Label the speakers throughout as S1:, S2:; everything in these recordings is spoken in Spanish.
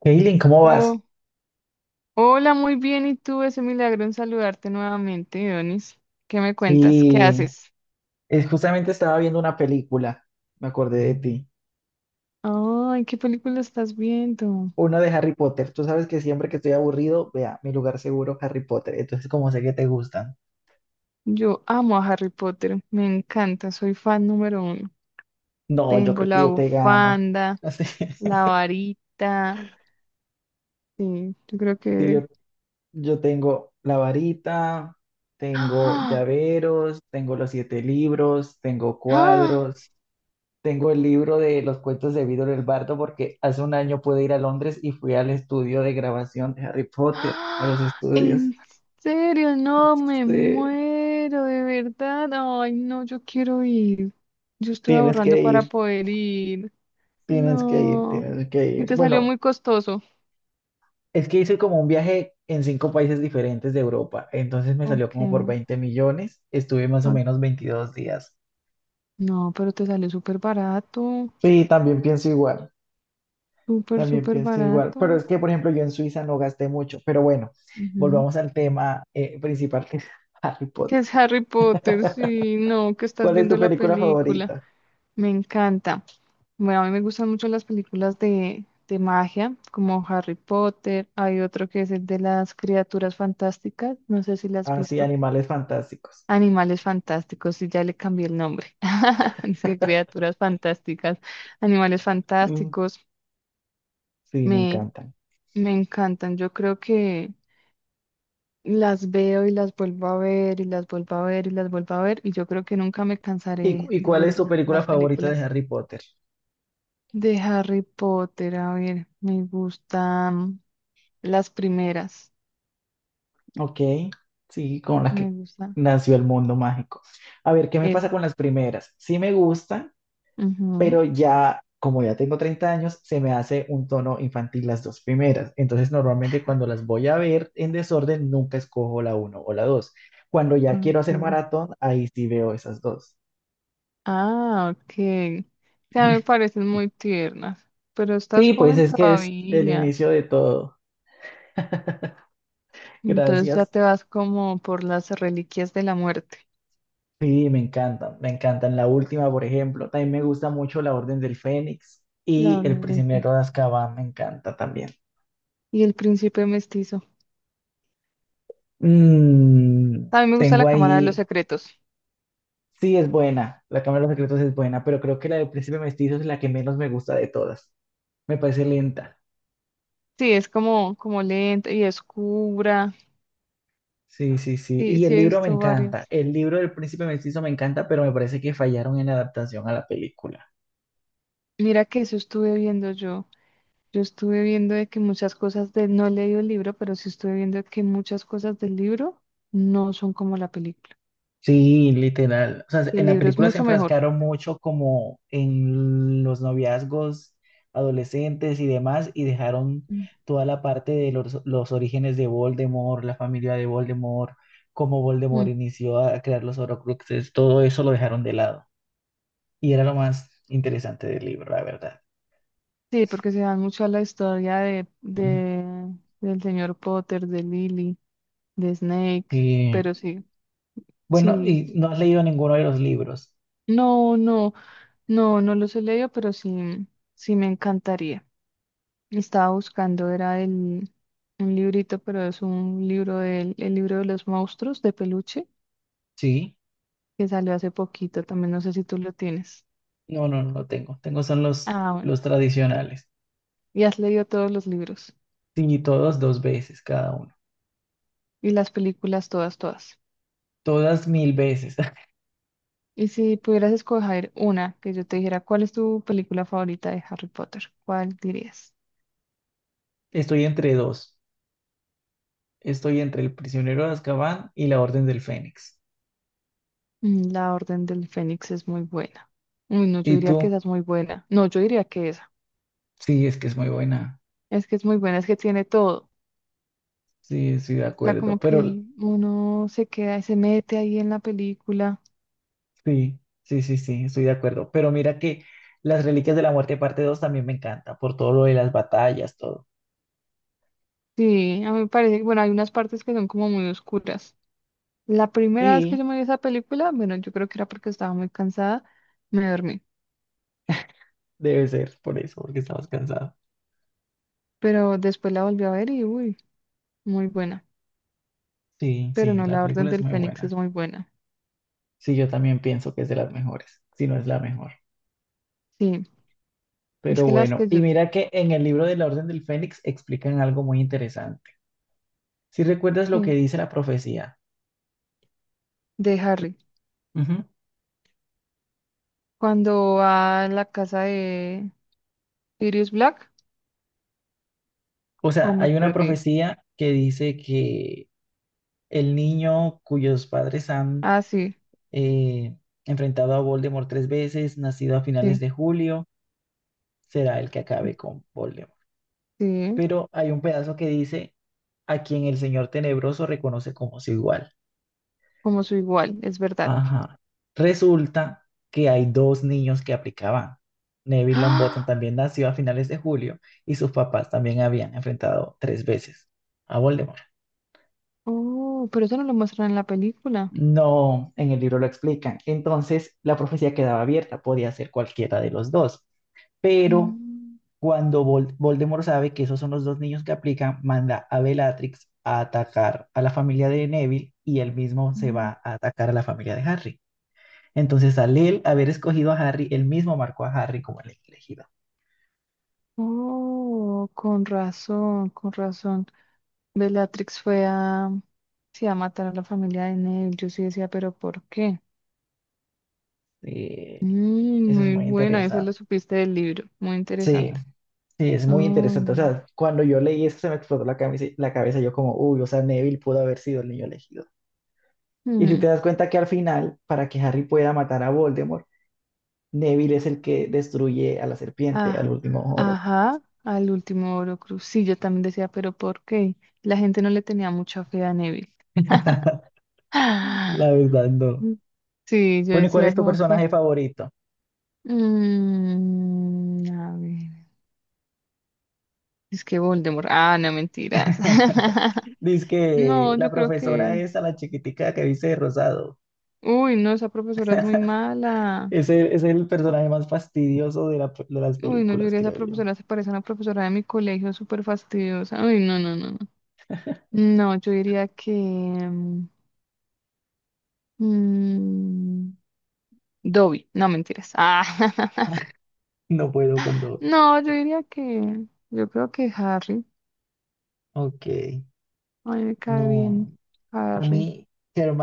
S1: Kaylin, ¿cómo vas?
S2: Oh, hola, muy bien. ¿Y tú? Es un milagro en saludarte nuevamente, Donis. ¿Qué me cuentas? ¿Qué
S1: Sí,
S2: haces?
S1: justamente estaba viendo una película, me acordé de ti,
S2: Ay, ¿qué película estás viendo?
S1: una de Harry Potter. Tú sabes que siempre que estoy aburrido, vea, mi lugar seguro, Harry Potter. ¿Entonces, como sé que te gustan?
S2: Yo amo a Harry Potter. Me encanta. Soy fan número uno.
S1: No, yo
S2: Tengo
S1: creo que
S2: la
S1: yo te gano.
S2: bufanda,
S1: Así,
S2: la varita. Sí, yo creo
S1: sí, yo,
S2: que...
S1: yo tengo la varita, tengo
S2: ¡Ah!
S1: llaveros, tengo los siete libros, tengo
S2: ¡Ah!
S1: cuadros. Tengo el libro de los cuentos de Víctor el Bardo porque hace un año pude ir a Londres y fui al estudio de grabación de Harry Potter, a
S2: ¡Ah!
S1: los estudios.
S2: ¿En serio? No, me
S1: Sí,
S2: muero, de verdad. Ay, no, yo quiero ir. Yo estoy
S1: tienes
S2: ahorrando
S1: que
S2: para
S1: ir,
S2: poder ir.
S1: tienes que ir,
S2: No.
S1: tienes que
S2: Y
S1: ir.
S2: te salió
S1: Bueno,
S2: muy costoso.
S1: es que hice como un viaje en cinco países diferentes de Europa, entonces me salió
S2: Ok,
S1: como por 20 millones, estuve más o
S2: ok.
S1: menos 22 días.
S2: No, pero te salió súper barato.
S1: Sí,
S2: Súper,
S1: también
S2: súper
S1: pienso igual,
S2: barato.
S1: pero es que, por ejemplo, yo en Suiza no gasté mucho, pero bueno,
S2: Ujú.
S1: volvamos al tema principal que es Harry
S2: Que
S1: Potter.
S2: es Harry Potter, sí, no, que estás
S1: ¿Cuál es
S2: viendo
S1: tu
S2: la
S1: película
S2: película.
S1: favorita?
S2: Me encanta. Bueno, a mí me gustan mucho las películas de magia, como Harry Potter. Hay otro que es el de las criaturas fantásticas. No sé si las has
S1: Ah, sí,
S2: visto.
S1: Animales Fantásticos.
S2: Animales fantásticos, y ya le cambié el nombre. Es que criaturas fantásticas, animales
S1: Mm,
S2: fantásticos,
S1: sí, me
S2: me,
S1: encantan.
S2: me encantan. Yo creo que las veo y las vuelvo a ver y las vuelvo a ver y las vuelvo a ver y yo creo que nunca me
S1: ¿Y, cu-
S2: cansaré
S1: y
S2: de
S1: cuál es
S2: ver
S1: tu
S2: la-
S1: película
S2: las
S1: favorita de
S2: películas
S1: Harry Potter?
S2: de Harry Potter. A ver, me gustan las primeras,
S1: Ok, sí, con la
S2: me
S1: que
S2: gusta
S1: nació el mundo mágico. A ver, ¿qué me pasa
S2: esa.
S1: con las primeras? Sí me gustan,
S2: Ujú,
S1: pero ya, como ya tengo 30 años, se me hace un tono infantil las dos primeras. Entonces, normalmente cuando las voy a ver en desorden, nunca escojo la uno o la dos. Cuando ya quiero hacer
S2: ok.
S1: maratón, ahí sí veo esas dos.
S2: Ah, ok. O sea, me parecen muy tiernas, pero estás
S1: Sí, pues
S2: joven
S1: es que es el
S2: todavía.
S1: inicio de todo.
S2: Entonces ya
S1: Gracias.
S2: te vas como por las reliquias de la muerte,
S1: Sí, me encantan, me encantan. La última, por ejemplo, también me gusta mucho La Orden del Fénix
S2: la
S1: y El
S2: Orden del
S1: Prisionero
S2: Fénix.
S1: de Azkaban, me encanta también.
S2: Y el príncipe mestizo.
S1: Mm,
S2: También me gusta la
S1: tengo
S2: Cámara de los
S1: ahí,
S2: Secretos.
S1: sí es buena, La Cámara de los Secretos es buena, pero creo que la del Príncipe Mestizo es la que menos me gusta de todas. Me parece lenta.
S2: Sí, es como, como lenta y oscura.
S1: Sí, sí, sí.
S2: Sí,
S1: Y
S2: sí
S1: el
S2: he
S1: libro me
S2: visto
S1: encanta.
S2: varias.
S1: El libro del Príncipe Mestizo me encanta, pero me parece que fallaron en la adaptación a la película.
S2: Mira que eso estuve viendo yo. Yo estuve viendo de que muchas cosas no he leído el libro, pero sí estuve viendo que muchas cosas del libro no son como la película.
S1: Sí, literal. O sea, en
S2: El
S1: la
S2: libro es
S1: película se
S2: mucho mejor.
S1: enfrascaron mucho como en los noviazgos adolescentes y demás y dejaron toda la parte de los orígenes de Voldemort, la familia de Voldemort, cómo
S2: Mm,
S1: Voldemort inició a crear los Horcruxes, todo eso lo dejaron de lado. Y era lo más interesante del libro, la verdad.
S2: sí, porque se dan mucho a la historia
S1: Y,
S2: del señor Potter, de Lily, de Snake,
S1: y,
S2: pero sí,
S1: bueno,
S2: sí,
S1: ¿y no has leído ninguno de los libros?
S2: no, no, no, no los he leído, pero sí, sí me encantaría. Estaba buscando, era un librito, pero es un libro el libro de los monstruos de peluche,
S1: Sí.
S2: que salió hace poquito, también no sé si tú lo tienes.
S1: No, no, no tengo. Tengo son los,
S2: Ah, bueno,
S1: los tradicionales.
S2: y has leído todos los libros
S1: Sí, todos dos veces cada uno.
S2: y las películas, todas, todas.
S1: Todas mil veces.
S2: Y si pudieras escoger una, que yo te dijera, ¿cuál es tu película favorita de Harry Potter? ¿Cuál dirías?
S1: Estoy entre dos. Estoy entre El Prisionero de Azkaban y La Orden del Fénix.
S2: Mm, La Orden del Fénix es muy buena. Uy, no, yo
S1: ¿Y
S2: diría que
S1: tú?
S2: esa es muy buena. No, yo diría que esa.
S1: Sí, es que es muy buena.
S2: Es que es muy buena, es que tiene todo.
S1: Sí, estoy de
S2: O sea,
S1: acuerdo.
S2: como
S1: Pero
S2: que uno se queda y se mete ahí en la película.
S1: sí, sí, sí, sí, estoy de acuerdo. Pero mira que Las Reliquias de la Muerte parte 2 también me encanta, por todo lo de las batallas, todo.
S2: Sí, a mí me parece que, bueno, hay unas partes que son como muy oscuras. La primera vez que
S1: Sí,
S2: yo me vi esa película, bueno, yo creo que era porque estaba muy cansada, me dormí.
S1: debe ser por eso, porque estabas cansado.
S2: Pero después la volví a ver y, uy, muy buena.
S1: Sí,
S2: Pero
S1: sí,
S2: no,
S1: la
S2: la Orden
S1: película es
S2: del
S1: muy
S2: Fénix
S1: buena.
S2: es muy buena.
S1: Sí, yo también pienso que es de las mejores, si no es la mejor.
S2: Sí, es
S1: Pero
S2: que las
S1: bueno,
S2: que
S1: y
S2: yo,
S1: mira que en el libro de la Orden del Fénix explican algo muy interesante. Si recuerdas lo que
S2: sí,
S1: dice la profecía,
S2: de Harry,
S1: ujú.
S2: cuando va a la casa de Sirius Black,
S1: O
S2: o
S1: sea,
S2: me
S1: hay una
S2: perdí.
S1: profecía que dice que el niño cuyos padres han
S2: Ah, sí,
S1: eh, enfrentado a Voldemort tres veces, nacido a finales
S2: sí,
S1: de julio, será el que acabe con Voldemort.
S2: sí,
S1: Pero hay un pedazo que dice a quien el Señor Tenebroso reconoce como su igual.
S2: como su igual, es verdad.
S1: Ajá. Resulta que hay dos niños que aplicaban. Neville Longbottom
S2: ¡Ah!
S1: también nació a finales de julio y sus papás también habían enfrentado tres veces a Voldemort.
S2: Oh, pero eso no lo muestran en la película.
S1: No, en el libro lo explican. Entonces, la profecía quedaba abierta, podía ser cualquiera de los dos. Pero
S2: Mm,
S1: cuando Voldemort sabe que esos son los dos niños que aplican, manda a Bellatrix a atacar a la familia de Neville y él mismo se
S2: mm.
S1: va a atacar a la familia de Harry. Entonces, al él haber escogido a Harry, él mismo marcó a Harry como el elegido.
S2: Oh, con razón, con razón. Bellatrix fue a, sí, a matar a la familia de Neville. Yo sí decía, pero ¿por qué?
S1: Sí,
S2: Mm,
S1: eso es
S2: muy
S1: muy
S2: buena, esa lo
S1: interesante.
S2: supiste del libro. Muy
S1: Sí,
S2: interesante.
S1: sí, es
S2: Ay,
S1: muy interesante. O
S2: no.
S1: sea, cuando yo leí eso se me explotó la cabeza yo como, uy, o sea, Neville pudo haber sido el niño elegido. Y si
S2: Mm,
S1: te das cuenta que al final, para que Harry pueda matar a Voldemort, Neville es el que destruye a la serpiente, al
S2: ah,
S1: último Horrocrux.
S2: ajá, al último Orocruz. Sí, yo también decía, pero ¿por qué? La gente no le tenía mucha fe a Neville.
S1: La
S2: Ah,
S1: verdad, no.
S2: mm, sí, yo
S1: Bueno, ¿y cuál
S2: decía
S1: es tu
S2: como que.
S1: personaje favorito?
S2: Mm, a ver. Es que Voldemort. Ah, no, mentiras.
S1: Dice que
S2: No,
S1: la
S2: yo creo
S1: profesora
S2: que.
S1: es a la chiquitica que dice de rosado.
S2: Uy, no, esa profesora es muy mala.
S1: Es el personaje más fastidioso de, de las
S2: Uy, no, yo
S1: películas,
S2: diría esa
S1: creo yo.
S2: profesora se parece a una profesora de mi colegio, súper fastidiosa. Uy, no, no, no, no. No, yo diría que... mm, Dobby, no mentiras. Ah,
S1: No puedo con Dobby.
S2: no, yo diría que... Yo creo que Harry.
S1: Ok,
S2: A mí me cae bien
S1: no. A
S2: Harry.
S1: mí,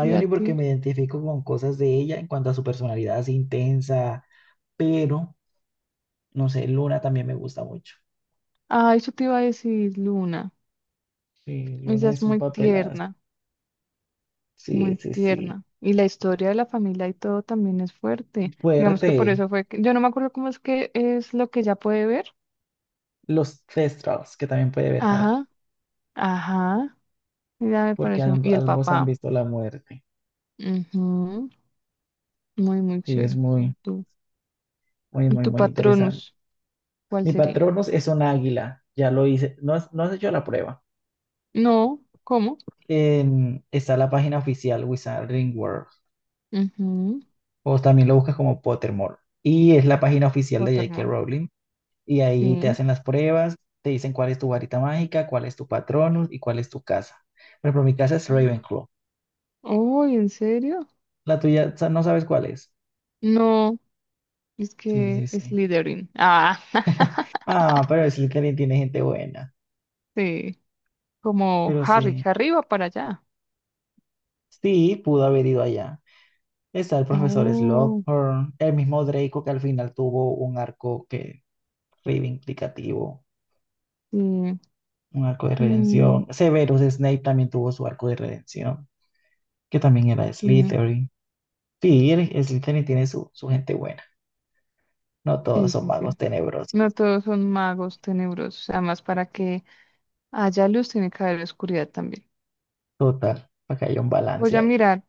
S2: ¿Y a
S1: porque
S2: ti?
S1: me identifico con cosas de ella en cuanto a su personalidad es intensa, pero no sé, Luna también me gusta mucho.
S2: Ah, eso te iba a decir, Luna.
S1: Sí,
S2: Ella
S1: Luna
S2: es
S1: es un
S2: muy
S1: papelazo.
S2: tierna,
S1: Sí,
S2: muy
S1: sí, sí.
S2: tierna. Y la historia de la familia y todo también es fuerte. Digamos que por
S1: Fuerte.
S2: eso fue que... Yo no me acuerdo cómo es que es lo que ella puede ver.
S1: Los Thestrals, que también puede ver Harry,
S2: Ajá, ajá. Ella me
S1: porque
S2: parece... Y el
S1: ambos han
S2: papá.
S1: visto la muerte.
S2: Ujú. Muy, muy
S1: Sí, es
S2: chévere.
S1: muy,
S2: ¿Y tu,
S1: muy,
S2: y
S1: muy,
S2: tu
S1: muy interesante.
S2: patronus? ¿Cuál
S1: Mi
S2: sería?
S1: Patronus es un águila, ya lo hice, no, no has hecho la prueba.
S2: No, ¿cómo?
S1: Está la página oficial Wizarding World,
S2: Ujú,
S1: o también lo buscas como Pottermore, y es la página oficial de J.K.
S2: Waterman.
S1: Rowling, y ahí te
S2: Sí.
S1: hacen las pruebas, te dicen cuál es tu varita mágica, cuál es tu Patronus y cuál es tu casa. Por ejemplo, mi casa es
S2: Ah,
S1: Ravenclaw,
S2: oh, ¿en serio?
S1: la tuya no sabes cuál es.
S2: No, es
S1: Sí,
S2: que
S1: sí,
S2: es
S1: sí.
S2: Slytherin. Ah,
S1: Ah, pero es que alguien tiene gente buena,
S2: sí. Como
S1: pero
S2: Harry,
S1: sí,
S2: Harry va para allá.
S1: sí, pudo haber ido allá. Está el profesor
S2: Oh,
S1: Slughorn, el mismo Draco que al final tuvo un arco que reivindicativo,
S2: sí.
S1: un arco de
S2: Mm,
S1: redención. Severus Snape también tuvo su arco de redención, que también era de Slytherin. Sí, el Slytherin tiene su, su gente buena. No
S2: sí,
S1: todos son
S2: sí, sí,
S1: magos
S2: sí.
S1: tenebrosos.
S2: No todos son magos tenebrosos. Además, para que haya luz tiene que haber oscuridad también.
S1: Total, para que haya un
S2: Voy
S1: balance
S2: a
S1: ahí.
S2: mirar,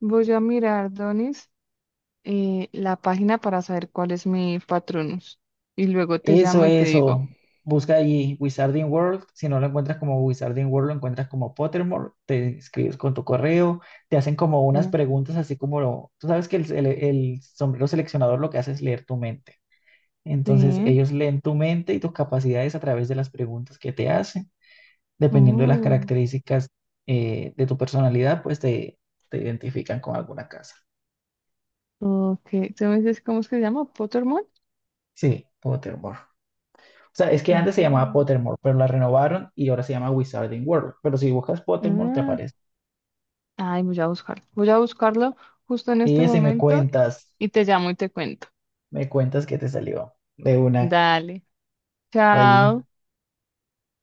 S2: voy a mirar, Donis, la página para saber cuál es mi patronus. Y luego te
S1: Eso,
S2: llamo y te digo.
S1: eso. Busca ahí Wizarding World. Si no lo encuentras como Wizarding World, lo encuentras como Pottermore. Te inscribes con tu correo. Te hacen como
S2: Sí.
S1: unas preguntas, así como tú sabes que el sombrero seleccionador lo que hace es leer tu mente. Entonces,
S2: Sí.
S1: ellos leen tu mente y tus capacidades a través de las preguntas que te hacen. Dependiendo de las
S2: Oh,
S1: características de tu personalidad, pues te identifican con alguna casa.
S2: ok. ¿Tú me dices cómo es que se llama? ¿Pottermore?
S1: Sí, Pottermore. O sea, es que
S2: Ah,
S1: antes se llamaba Pottermore, pero la renovaron y ahora se llama Wizarding World. Pero si buscas Pottermore, te
S2: ah.
S1: aparece.
S2: Ay, voy a buscarlo. Voy a buscarlo justo en este
S1: Y si me
S2: momento
S1: cuentas,
S2: y te llamo y te cuento.
S1: me cuentas que te salió de una
S2: Dale.
S1: allí.
S2: Chao.